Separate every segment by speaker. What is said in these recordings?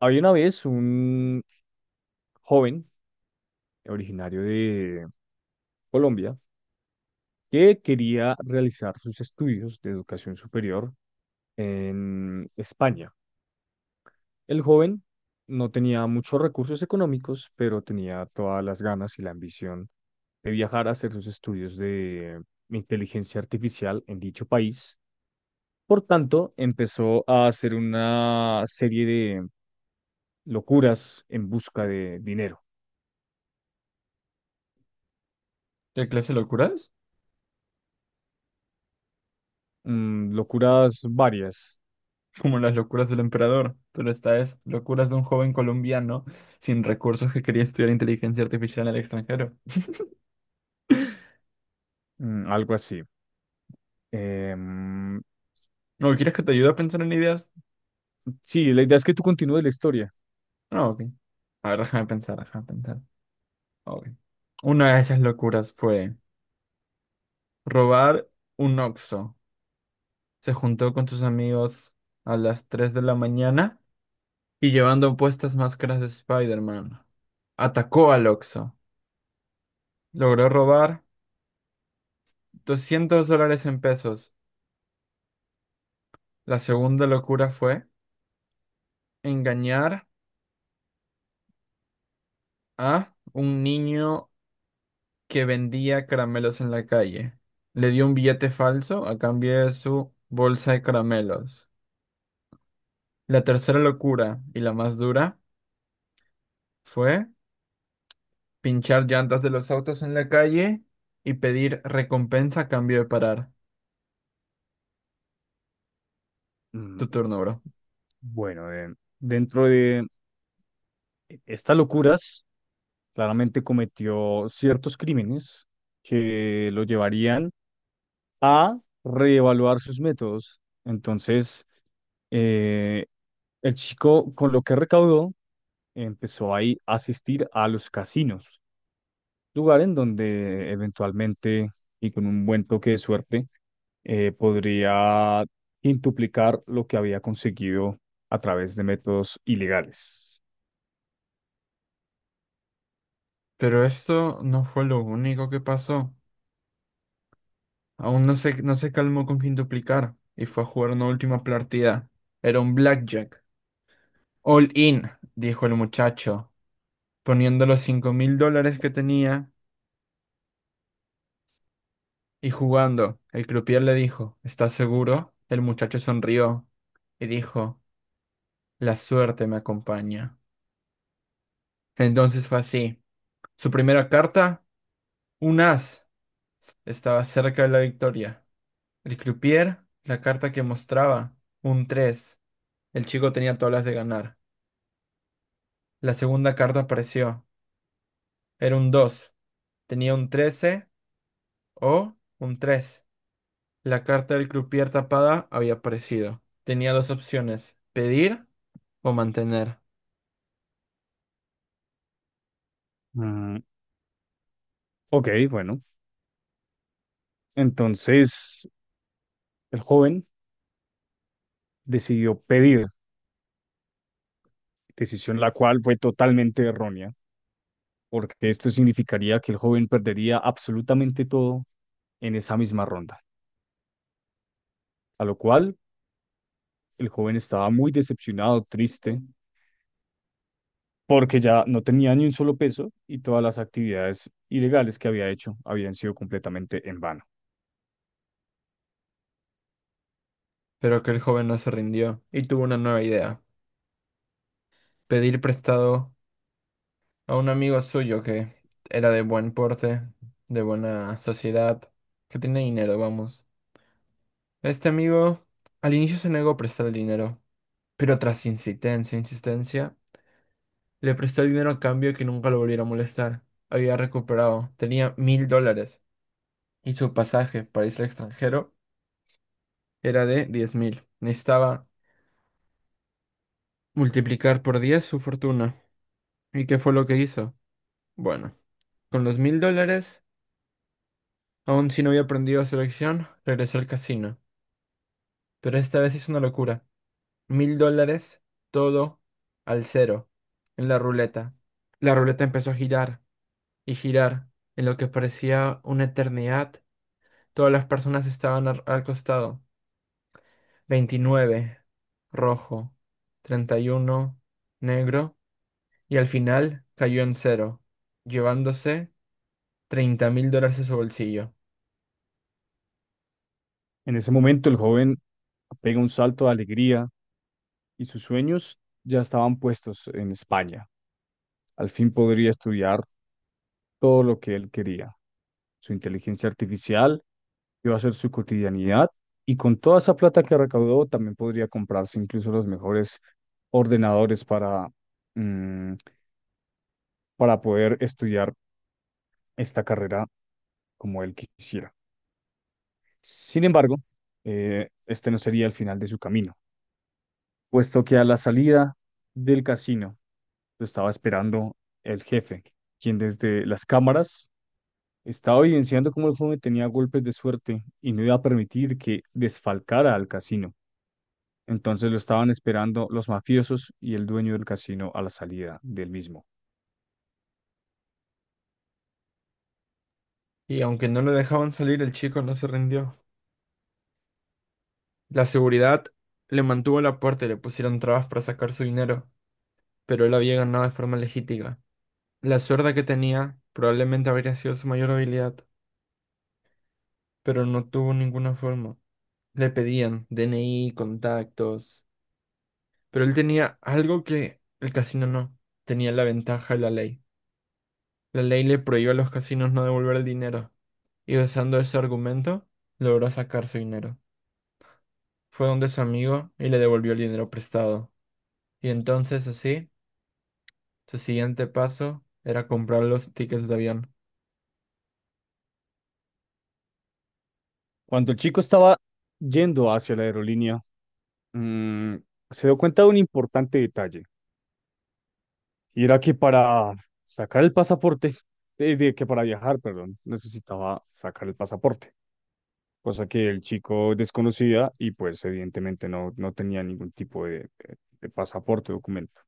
Speaker 1: Había una vez un joven originario de Colombia que quería realizar sus estudios de educación superior en España. El joven no tenía muchos recursos económicos, pero tenía todas las ganas y la ambición de viajar a hacer sus estudios de inteligencia artificial en dicho país. Por tanto, empezó a hacer una serie de locuras en busca de dinero.
Speaker 2: ¿Qué clase de locuras?
Speaker 1: Locuras varias.
Speaker 2: Como las locuras del emperador, pero esta es locuras de un joven colombiano sin recursos que quería estudiar inteligencia artificial en el extranjero.
Speaker 1: Algo así. Em,
Speaker 2: ¿No quieres que te ayude a pensar en ideas?
Speaker 1: sí, la idea es que tú continúes la historia.
Speaker 2: No, ok. A ver, déjame pensar, déjame pensar. Ok. Una de esas locuras fue robar un Oxxo. Se juntó con sus amigos a las 3 de la mañana y llevando puestas máscaras de Spider-Man. Atacó al Oxxo. Logró robar 200 dólares en pesos. La segunda locura fue engañar a un niño que vendía caramelos en la calle. Le dio un billete falso a cambio de su bolsa de caramelos. La tercera locura y la más dura fue pinchar llantas de los autos en la calle y pedir recompensa a cambio de parar.
Speaker 1: Mm,
Speaker 2: Tu turno, bro.
Speaker 1: bueno, dentro de estas locuras, claramente cometió ciertos crímenes que lo llevarían a reevaluar sus métodos. Entonces, eh, el chico, con lo que recaudó, empezó ahí a asistir a los casinos, lugar en donde eventualmente, y con un buen toque de suerte, podría quintuplicar lo que había conseguido a través de métodos ilegales.
Speaker 2: Pero esto no fue lo único que pasó. Aún no se calmó con fin duplicar y fue a jugar una última partida. Era un blackjack. All in, dijo el muchacho, poniendo los 5.000 dólares que tenía y jugando. El croupier le dijo, ¿estás seguro? El muchacho sonrió y dijo, la suerte me acompaña. Entonces fue así. Su primera carta, un as, estaba cerca de la victoria. El croupier, la carta que mostraba, un 3. El chico tenía todas las de ganar. La segunda carta apareció. Era un 2. Tenía un 13 o un 3. La carta del croupier tapada había aparecido. Tenía dos opciones, pedir o mantener.
Speaker 1: Mm, ok, bueno. Entonces, el joven decidió pedir, decisión la cual fue totalmente errónea, porque esto significaría que el joven perdería absolutamente todo en esa misma ronda, a lo cual el joven estaba muy decepcionado, triste, porque ya no tenía ni un solo peso y todas las actividades ilegales que había hecho habían sido completamente en vano.
Speaker 2: Pero que el joven no se rindió y tuvo una nueva idea. Pedir prestado a un amigo suyo que era de buen porte, de buena sociedad, que tenía dinero, vamos. Este amigo al inicio se negó a prestar el dinero, pero tras insistencia, insistencia, le prestó el dinero a cambio de que nunca lo volviera a molestar. Había recuperado, tenía 1.000 dólares y su pasaje para irse al extranjero era de 10.000. Necesitaba multiplicar por 10 su fortuna. ¿Y qué fue lo que hizo? Bueno, con los 1.000 dólares, aún si no había aprendido su lección, regresó al casino. Pero esta vez hizo una locura. 1.000 dólares, todo al cero, en la ruleta. La ruleta empezó a girar y girar. En lo que parecía una eternidad, todas las personas estaban al costado. 29 rojo, 31 negro. Y al final cayó en cero, llevándose 30.000 dólares a su bolsillo.
Speaker 1: En ese momento el joven pega un salto de alegría y sus sueños ya estaban puestos en España. Al fin podría estudiar todo lo que él quería. Su inteligencia artificial iba a ser su cotidianidad y con toda esa plata que recaudó también podría comprarse incluso los mejores ordenadores para, mm, para poder estudiar esta carrera como él quisiera. Sin embargo, este no sería el final de su camino, puesto que a la salida del casino lo estaba esperando el jefe, quien desde las cámaras estaba evidenciando cómo el joven tenía golpes de suerte y no iba a permitir que desfalcara al casino. Entonces lo estaban esperando los mafiosos y el dueño del casino a la salida del mismo.
Speaker 2: Y aunque no lo dejaban salir, el chico no se rindió. La seguridad le mantuvo la puerta y le pusieron trabas para sacar su dinero, pero él había ganado de forma legítima. La suerte que tenía probablemente habría sido su mayor habilidad, pero no tuvo ninguna forma. Le pedían DNI, contactos, pero él tenía algo que el casino no. Tenía la ventaja de la ley. La ley le prohibió a los casinos no devolver el dinero. Y usando ese argumento logró sacar su dinero. Fue donde su amigo y le devolvió el dinero prestado. Y entonces así, su siguiente paso era comprar los tickets de avión.
Speaker 1: Cuando el chico estaba yendo hacia la aerolínea, mm, se dio cuenta de un importante detalle, y era que para sacar el pasaporte, que para viajar, perdón, necesitaba sacar el pasaporte. Cosa que el chico desconocía y pues evidentemente no, no tenía ningún tipo de pasaporte o documento.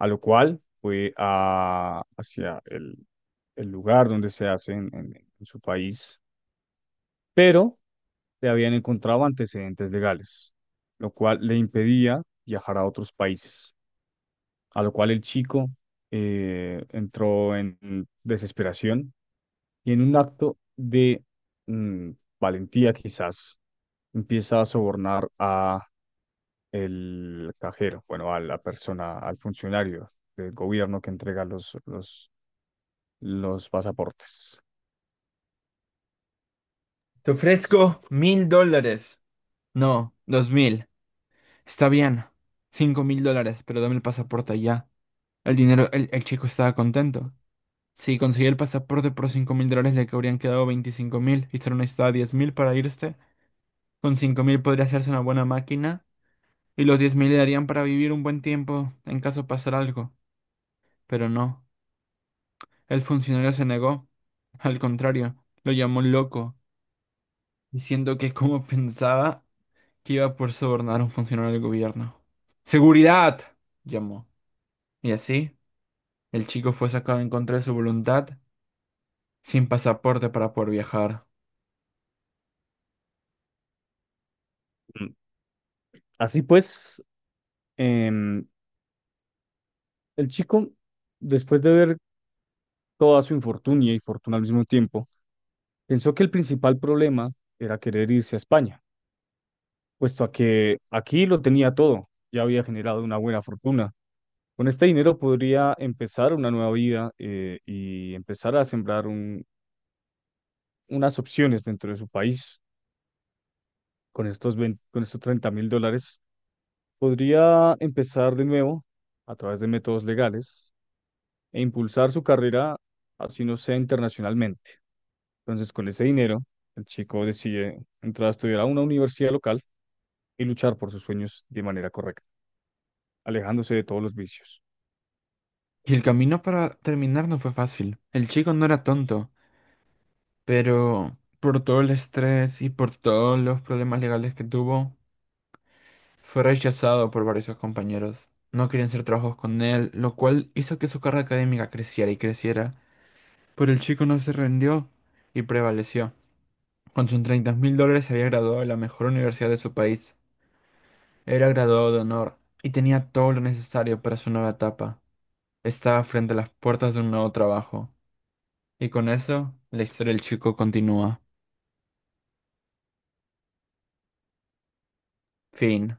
Speaker 1: A lo cual fue hacia el lugar donde se hace en su país, pero le habían encontrado antecedentes legales, lo cual le impedía viajar a otros países, a lo cual el chico entró en desesperación y en un acto de mm, valentía quizás empieza a sobornar a el cajero, bueno, a la persona, al funcionario del gobierno que entrega los pasaportes.
Speaker 2: Te ofrezco 1.000 dólares. No, 2.000. Está bien. 5.000 dólares, pero dame el pasaporte ya. El dinero, el chico estaba contento. Si conseguía el pasaporte por 5.000 dólares, le habrían quedado 25.000 y solo necesitaba 10.000 para irse. Con 5.000 podría hacerse una buena máquina. Y los 10.000 le darían para vivir un buen tiempo en caso pasara algo. Pero no, el funcionario se negó. Al contrario, lo llamó loco, diciendo que como pensaba que iba a poder sobornar a un funcionario del gobierno. ¡Seguridad!, llamó. Y así, el chico fue sacado en contra de su voluntad, sin pasaporte para poder viajar.
Speaker 1: Mm. Así pues, em, el chico, después de ver toda su infortunia y fortuna al mismo tiempo, pensó que el principal problema era querer irse a España, puesto a que aquí lo tenía todo, ya había generado una buena fortuna. Con este dinero podría empezar una nueva vida y empezar a sembrar unas opciones dentro de su país. Con estos $30,000 podría empezar de nuevo a través de métodos legales e impulsar su carrera, así no sea internacionalmente. Entonces, con ese dinero, el chico decide entrar a estudiar a una universidad local y luchar por sus sueños de manera correcta, alejándose de todos los vicios.
Speaker 2: Y el camino para terminar no fue fácil. El chico no era tonto, pero por todo el estrés y por todos los problemas legales que tuvo, fue rechazado por varios de sus compañeros. No querían hacer trabajos con él, lo cual hizo que su carrera académica creciera y creciera. Pero el chico no se rindió y prevaleció. Con sus 30 mil dólares se había graduado de la mejor universidad de su país. Era graduado de honor y tenía todo lo necesario para su nueva etapa. Estaba frente a las puertas de un nuevo trabajo. Y con eso, la historia del chico continúa. Fin.